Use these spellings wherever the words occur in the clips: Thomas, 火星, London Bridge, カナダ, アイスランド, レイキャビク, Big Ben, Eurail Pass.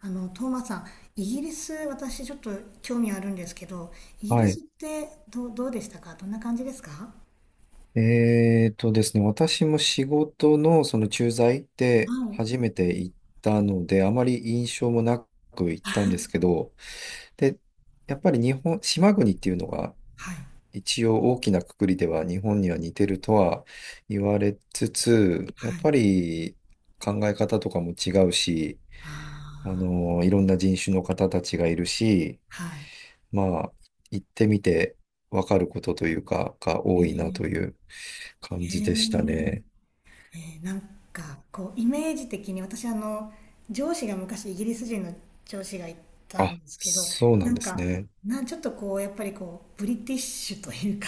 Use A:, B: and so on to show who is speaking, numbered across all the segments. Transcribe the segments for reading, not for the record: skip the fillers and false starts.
A: あの、トーマスさん、イギリス、私ちょっと興味あるんですけど、イギリ
B: は
A: ス
B: い。
A: ってどうでしたか？どんな感じですか？
B: えーとですね、私も仕事のその駐在
A: は
B: で
A: い。
B: 初めて行ったので、あまり印象もなく行ったんですけど、で、やっぱり日本、島国っていうのが
A: はい。
B: 一応大きな括りでは日本には似てるとは言われつつ、やっ
A: はい。
B: ぱり考え方とかも違うし、
A: あ
B: いろんな人種の方たちがいるし、
A: あ、は
B: まあ、行ってみてわかることというか、が
A: い。
B: 多いなという感
A: え
B: じでした
A: ー
B: ね。
A: なんか、こう、イメージ的に、私上司が昔イギリス人の上司がいた
B: あ、
A: んですけど、
B: そうな
A: な
B: んで
A: ん
B: す
A: か、
B: ね。
A: ちょっとこう、やっぱりこう、ブリティッシュというか、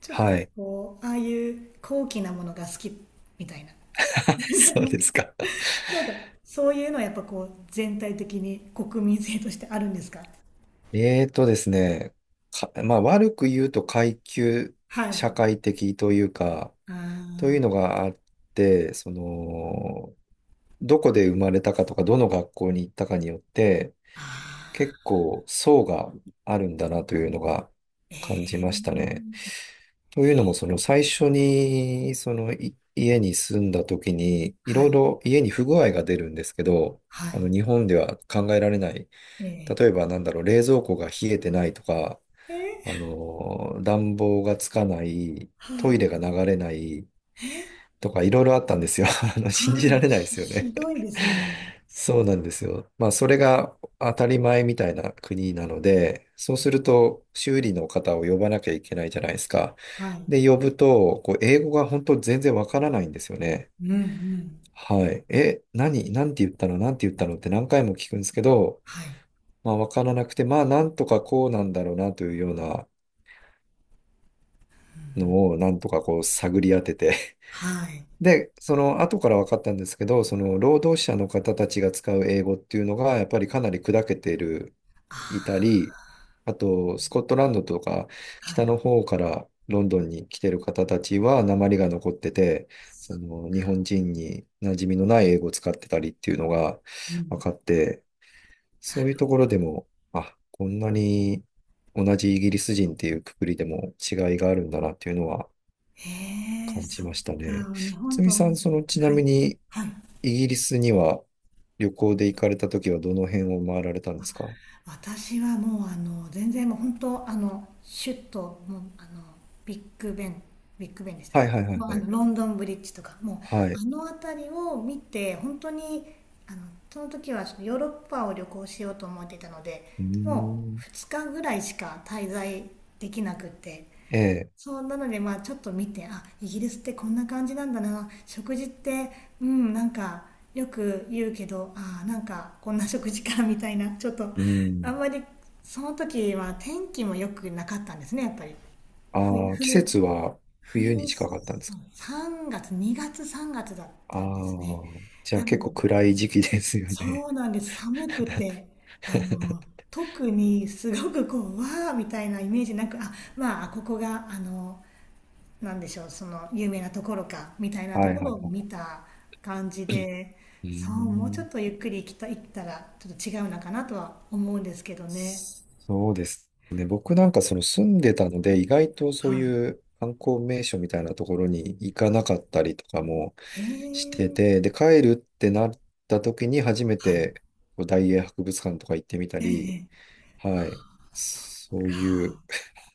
A: ちょっと
B: はい。
A: こう、ああいう高貴なものが好きみたいな。
B: そうですか。
A: なんか、そういうのはやっぱこう、全体的に国民性としてあるんですか？
B: えーとですね、まあ悪く言うと階級
A: はい。あ
B: 社会的というか、
A: ー
B: というのがあって、どこで生まれたかとか、どの学校に行ったかによって、
A: あ
B: 結構層があるんだなというのが
A: ー、
B: 感じましたね。
A: ええ、
B: というのも、その最初に、そのい家に住んだ時に、い
A: は
B: ろい
A: い、
B: ろ家に不具合が出るんですけど、
A: は
B: 日本では考えられない。
A: い、
B: 例えば、なんだろう、冷蔵庫が冷えてないとか、
A: ええー
B: 暖房がつかない、
A: は
B: トイ
A: い、
B: レが流れない、
A: えー
B: とかいろいろあったんですよ。信
A: は
B: じら
A: い、
B: れないで
A: ひ、
B: すよね。
A: ひどいですね。
B: そうなんですよ。まあ、それが当たり前みたいな国なので、そうすると修理の方を呼ばなきゃいけないじゃないですか。
A: はい、
B: で、呼ぶと、英語が本当全然わからないんですよね。
A: うん、うん、
B: はい。何なんて言ったのなんて言ったのって何回も聞くんですけど、
A: はい、
B: まあ、わからなくて、まあ、なんとかこうなんだろうなというようなのを、なんとか探り当てて
A: はい、
B: で、その後から分かったんですけど、その労働者の方たちが使う英語っていうのが、やっぱりかなり砕けている、いた
A: あ
B: り、あと、スコットランドとか、
A: あ、はい、
B: 北の方からロンドンに来てる方たちは、訛りが残ってて、その日本人に馴染みのない英語を使ってたりっていうのが
A: う
B: 分
A: ん。
B: かって、そういうところでも、あ、こんなに同じイギリス人っていうくくりでも違いがあるんだなっていうのは
A: ええ、
B: 感じ
A: そっ
B: ましたね。
A: か。日本
B: つ
A: と、
B: みさん、ちな
A: はい、
B: みに、
A: はい。
B: イギリスには旅行で行かれたときはどの辺を回られたんですか？
A: 私はもう全然もう本当シュッともうビッグベンビッグベンでした。
B: はいはいはい
A: もう
B: はい。
A: ロンドンブリッジとか、もう
B: はい。
A: あの辺りを見て本当に。あのその時はちょっとヨーロッパを旅行しようと思っていたので、
B: うー
A: もう
B: ん。
A: 2日ぐらいしか滞在できなくって、
B: ええ。
A: そうなので、まあちょっと見て、あ、イギリスってこんな感じなんだな、食事って、うん、なんかよく言うけど、あー、なんかこんな食事かみたいな、ちょっと
B: う
A: あん
B: ん。
A: まり。その時は天気も良くなかったんですね、やっぱり。冬
B: ああ、季
A: 冬
B: 節は冬
A: 冬
B: に近かったんです
A: そう、
B: か？
A: 3月、2月、3月だっ
B: ああ
A: たんですね。
B: ー、じゃあ
A: な
B: 結
A: ので、
B: 構暗い時期ですよ
A: そ
B: ね。
A: うなんです、寒くて。あの 特にすごくこう、わーみたいなイメージなく、あ、まあ、ここがなんでしょう、その有名なところかみたいなと
B: はい
A: こ
B: は
A: ろ
B: い
A: を
B: は
A: 見た感じで、
B: い。うー
A: そう、もうちょ
B: ん。
A: っとゆっくり行ったらちょっと違うのかなとは思うんですけどね。
B: そうですね。僕なんか住んでたので、意外とそう
A: はい。
B: いう観光名所みたいなところに行かなかったりとかも
A: へ
B: して
A: え、
B: て、で、帰るってなった時に初め
A: はい。
B: てこう大英博物館とか行ってみた
A: え
B: り、
A: え、ええ、
B: はい。
A: そっ
B: そういう
A: か。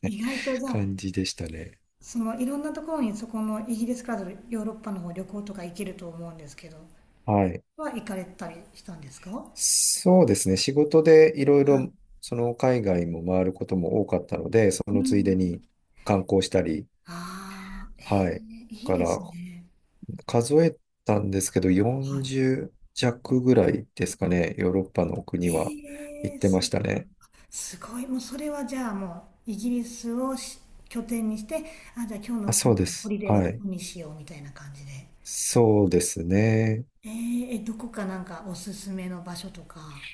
A: 意外とじ ゃあ、
B: 感じでしたね。
A: そのいろんなところに、そこのイギリスからヨーロッパの方旅行とか行けると思うんですけど、
B: はい。
A: 行かれたりしたんですか？は
B: そうですね。仕事でいろいろ海外も回ることも多かったので、そ
A: い。う
B: のついでに
A: ん。
B: 観光したり、
A: ああ、え
B: はい。
A: え、いい
B: だか
A: です
B: ら
A: ね。
B: 数えたんですけど、
A: はい。
B: 40弱ぐらいですか
A: あ、
B: ね。ヨーロッパの国は行
A: え
B: っ
A: え、
B: て
A: す
B: ましたね。
A: すごいもうそれはじゃあ、もうイギリスを拠点にして、あ、じゃあ、今日
B: あ、
A: のこ
B: そう
A: の
B: で
A: ホ
B: す。
A: リデーは
B: は
A: どこ
B: い。
A: にしようみたいな感じで。
B: そうですね。
A: どこか、なんかおすすめの場所とか、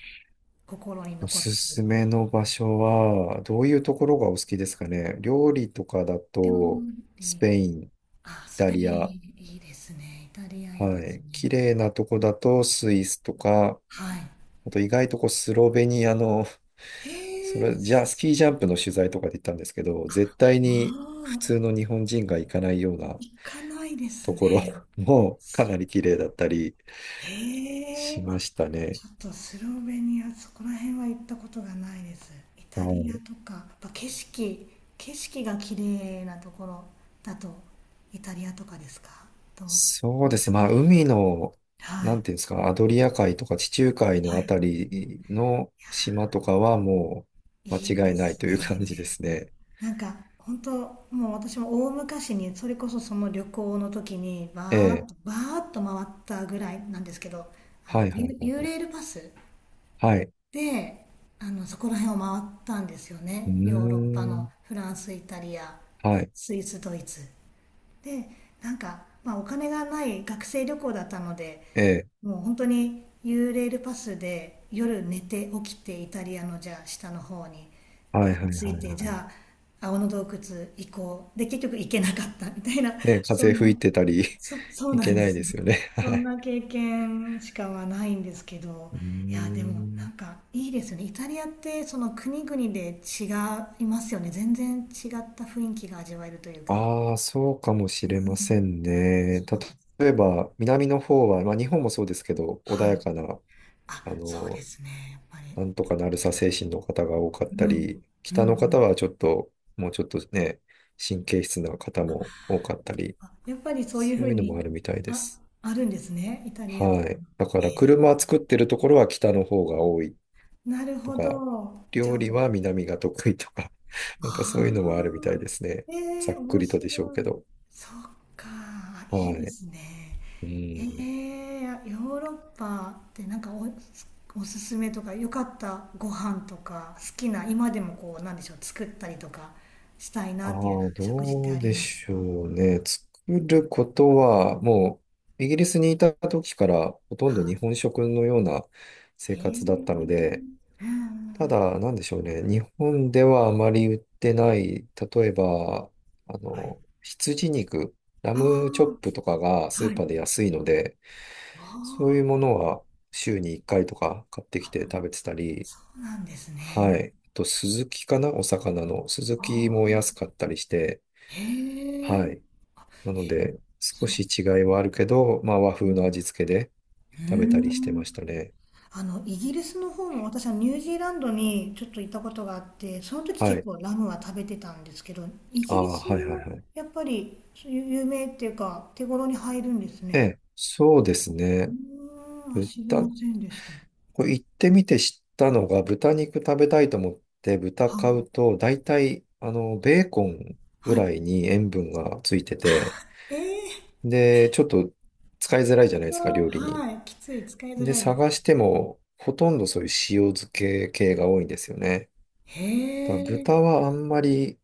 A: 心に
B: お
A: 残っ
B: す
A: て
B: す
A: る
B: めの場所は、どういうところがお好きですかね。料理とかだ
A: 料
B: と、ス
A: 理。
B: ペイン、イ
A: あ、ス
B: タ
A: ペイン、
B: リア、
A: いいですね。イタリア、いいで
B: は
A: す
B: い。綺
A: ね。
B: 麗なとこだと、スイスとか、
A: はい。
B: あと意外とこうスロベニアのそ
A: えー、
B: れ、じゃあ、ス
A: す
B: キージャンプの取材とかで行ったんですけど、絶
A: あ
B: 対に普
A: あー、
B: 通の日本人が行かないような
A: 行かないです
B: ところ
A: ね。
B: もかなり綺麗だったり
A: え
B: し
A: えー
B: ま
A: あ、
B: したね。
A: ちょっとスロベニア、そこら辺は行ったことがないです。イ
B: は
A: タリアと
B: い。
A: か、やっぱ景色が綺麗なところだと、イタリアとかですか、と、
B: そ
A: ス
B: うで
A: イ
B: す。
A: ス、
B: まあ、海の、
A: は
B: なん
A: い、
B: ていうんですか、アドリア海とか地中海
A: は
B: のあ
A: い。
B: たりの島とかはもう
A: いい
B: 間違
A: で
B: いない
A: す
B: という感じで
A: ね。
B: すね。
A: なんか本当、もう私も大昔にそれこそその旅行の時にバ
B: え
A: ーッ
B: え。
A: とバーッと回ったぐらいなんですけど、
B: はいはいはい
A: ユ、ユー
B: はい。
A: レールパス
B: はい。
A: で、そこら辺を回ったんですよ
B: うー
A: ね。ヨーロッパ
B: ん。
A: のフランス、イタリア、
B: はい。
A: スイス、ドイツ。で、なんか、まあ、お金がない学生旅行だったので、
B: ええ。
A: もう本当に U レールパスで夜寝て起きて、イタリアのじゃあ下の方に
B: はいはい
A: 着
B: は
A: い
B: い
A: て、
B: は
A: じ
B: い。
A: ゃあ青の洞窟行こう。で、結局行けなかったみたいな、
B: ね、
A: そ
B: 風
A: んな。
B: 吹いてたり
A: そ う
B: い
A: な
B: け
A: んで
B: ない
A: す
B: で
A: ね。
B: すよね。
A: そ
B: は
A: ん
B: い。
A: な経験しかはないんですけど、
B: うー
A: いや、でもなん
B: ん。
A: かいいですよね。イタリアってその国々で違いますよね。全然違った雰囲気が味わえるというか。
B: ああ、そうかも
A: え
B: しれま
A: ー
B: せん
A: あ、
B: ね。
A: そう、なんか、
B: 例えば、南の方は、まあ、日本もそうですけど、穏
A: は
B: や
A: い。
B: かな、
A: あ、
B: あ
A: そうで
B: の、
A: すね。やっぱり。
B: なんとかなるさ精神の方が多かっ
A: う
B: た
A: ん。
B: り、
A: うんう
B: 北の
A: ん。
B: 方はちょっと、もうちょっとね、神経質な方も多かったり、
A: あ、やっぱりそういう
B: そ
A: ふ
B: う
A: う
B: いうの
A: に、
B: もあるみたいで
A: あ、
B: す。
A: あるんですね。イタリアと
B: は
A: かの。へ
B: い。だから、車作ってるところは北の方が多い
A: え、なる
B: と
A: ほ
B: か、
A: ど。ちゃ
B: 料
A: ん
B: 理
A: と。
B: は南が得意とか、なんかそう
A: あ
B: いうのもあるみたい
A: あ、
B: ですね。
A: え
B: ざ
A: え
B: っ
A: ー
B: く
A: 面
B: りと
A: 白
B: でしょうけ
A: い。
B: ど。
A: そっか、あ、いい
B: は
A: で
B: い。
A: すね。
B: う
A: え
B: ん。
A: えーヨーロッパって、なんかおすすめとか、良かったご飯とか、好きな、今でもこう、なんでしょう、作ったりとかしたい
B: あ
A: なっていうよう
B: あ、
A: な食事って
B: ど
A: あ
B: う
A: り
B: で
A: ますか？
B: しょうね。作ることは、もう、イギリスにいた時からほとん
A: は
B: ど日本食のような生
A: い。ええ、う
B: 活だったので、
A: ん、う
B: た
A: ん、
B: だ、なんでしょうね。日本ではあまり売ってない、例えば、
A: はい。
B: 羊肉、ラ
A: あ
B: ムチョップとかが
A: あ、
B: スー
A: はい。
B: パーで安いので、
A: あ
B: そうい
A: あ、
B: うものは週に1回とか買ってきて食べてたり、
A: そうなんです
B: は
A: ね。
B: い。あと、スズキかなお魚の。スズ
A: あ
B: キも
A: あ、
B: 安かったりして、
A: へえ、え、
B: はい。なので、少
A: そう。
B: し違いはあるけど、まあ和
A: う
B: 風の
A: ん、
B: 味付けで
A: うー
B: 食べたりして
A: ん。
B: ましたね。
A: イギリスの方も、私はニュージーランドにちょっと行ったことがあって、その時
B: は
A: 結
B: い。
A: 構ラムは食べてたんですけど、イ
B: あ
A: ギリ
B: あ、
A: ス
B: はいはいは
A: も
B: い。
A: やっぱりそういう有名っていうか手頃に入るんです
B: え
A: ね。
B: え、そうです
A: う
B: ね。
A: ーん、あ、知りま
B: 豚、
A: せんでした。
B: これ行ってみて知ったのが、豚肉食べたいと思って豚
A: は
B: 買
A: い。
B: うと、大体、ベーコンぐ
A: は
B: ら
A: い。
B: いに塩分がついてて、
A: ええ、
B: で、ちょっと使いづらいじゃないですか、料理に。
A: はい。きつい。使いづ
B: で、
A: らいです。
B: 探しても、ほとんどそういう塩漬け系が多いんですよね。だから
A: へ
B: 豚
A: え。
B: はあんまり、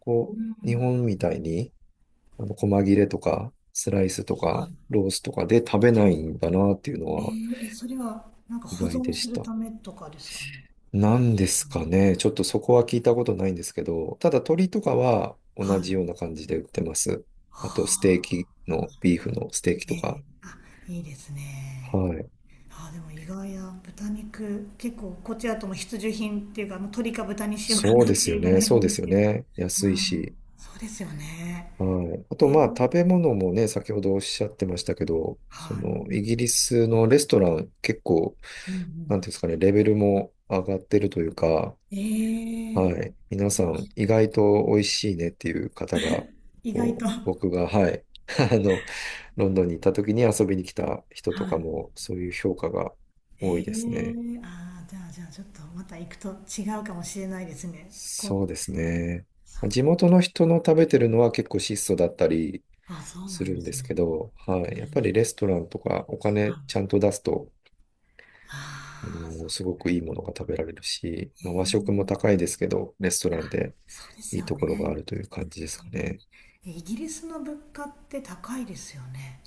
A: う
B: 日
A: ん。
B: 本みたいに、細切れとか、スライスとか、
A: は
B: ロースとかで食べないんだなっていうのは
A: い。えーえ、それはなんか
B: 意
A: 保
B: 外
A: 存
B: で
A: す
B: し
A: る
B: た。
A: ためとかですかね。な
B: なん
A: んで
B: で
A: しょ
B: すか
A: う。
B: ね。ちょっとそこは聞いたことないんですけど、ただ鶏とかは
A: は
B: 同じ
A: い。
B: ような感じで売ってます。あと、ステー
A: あ、
B: キの、ビーフのステーキとか。
A: ねえ、あ、いいですね。
B: はい。
A: あ、でも意外や豚肉、結構こっちだともう必需品っていうか、もう鶏か豚にしようか
B: そう
A: なっ
B: です
A: てい
B: よ
A: うぐら
B: ね。
A: い
B: そ
A: な
B: う
A: ん
B: で
A: で
B: す
A: す
B: よ
A: けど。
B: ね。
A: う
B: 安いし。
A: ん、そうですよね。
B: はい。あ
A: え
B: と、まあ、食べ
A: ー、
B: 物もね、先ほどおっしゃってましたけど、
A: はい。
B: イギリスのレストラン、結構、
A: うん
B: な
A: う
B: んていうんですかね、レベルも上がってるというか、
A: ん。
B: はい。皆さん、意外と美味しいねっていう方が、
A: 意外
B: こ
A: と。
B: う
A: は
B: 僕が、はい。あの、ロンドンに行った時に遊びに来た人
A: い。
B: とかも、そういう評価が多いですね。
A: あー、じゃあちょっとまた行くと違うかもしれないですね。こ
B: そう
A: う、
B: ですね。
A: そう、
B: 地元の人の食べてるのは結構質素だったり、
A: あ、そう
B: す
A: なん
B: る
A: で
B: んで
A: す
B: す
A: ね。
B: けど、は
A: うん
B: い。やっぱ
A: う
B: り
A: ん。
B: レストランとかお
A: は
B: 金ちゃ
A: い。
B: んと出すと、
A: ああ、そ
B: す
A: う。
B: ごくいいものが食べられるし、
A: え
B: まあ和
A: ー、
B: 食も高いですけど、レスト
A: あ、
B: ランで
A: そうです
B: いい
A: よ
B: ところがあ
A: ね。
B: るという感じですかね。
A: イギリスの物価って高いですよね。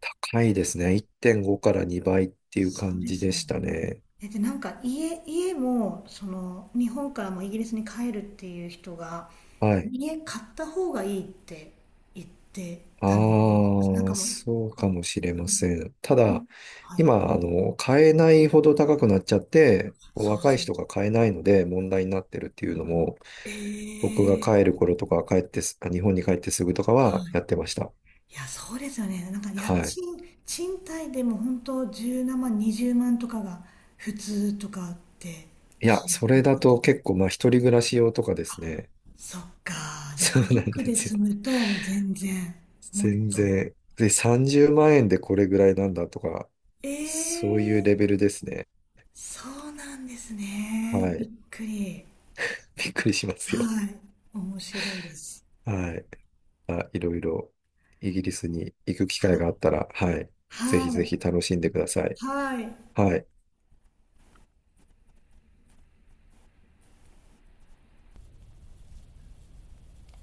B: 高いですね。1.5から2倍っていう
A: そう
B: 感
A: で
B: じ
A: す
B: で
A: よね。
B: したね。
A: で、なんか家も、その、日本からもイギリスに帰るっていう人が、
B: はい。
A: 家買った方がいいって言ってたのを覚
B: あ
A: えてます。なん
B: あ、
A: かもう、
B: そうかもしれません。ただ、
A: はい。
B: 今、買えないほど高くなっちゃって、
A: そう
B: 若い
A: そ
B: 人
A: う。
B: が買えないので問題になってるっていうのも、
A: え
B: 僕が
A: え、
B: 帰る頃とか、帰ってす、あ日本に帰ってすぐとかは
A: はい。
B: やってました。
A: いや、そうですよね。なんか家
B: はい。
A: 賃、賃貸でも本当17万、20万とかが普通とかって
B: いや、
A: 聞い
B: そ
A: た
B: れ
A: こ
B: だ
A: と。
B: と結構、まあ、一人暮らし用とかですね。
A: そっか。じゃあ
B: そう
A: 家
B: なん
A: 族
B: で
A: で
B: すよ。
A: 住むと、もう全然。もっ
B: 全
A: と。
B: 然。で、30万円でこれぐらいなんだとか、
A: え
B: そういう
A: えー
B: レベルですね。
A: そうなんですね。
B: は
A: びっ
B: い。
A: くり。
B: びっくりしますよ。
A: はい。面白いです。
B: はい。あ、いろいろ、イギリスに行く機
A: は
B: 会があ
A: い。
B: ったら、はい。ぜ
A: は
B: ひぜひ
A: い。
B: 楽しんでください。
A: はい。
B: はい。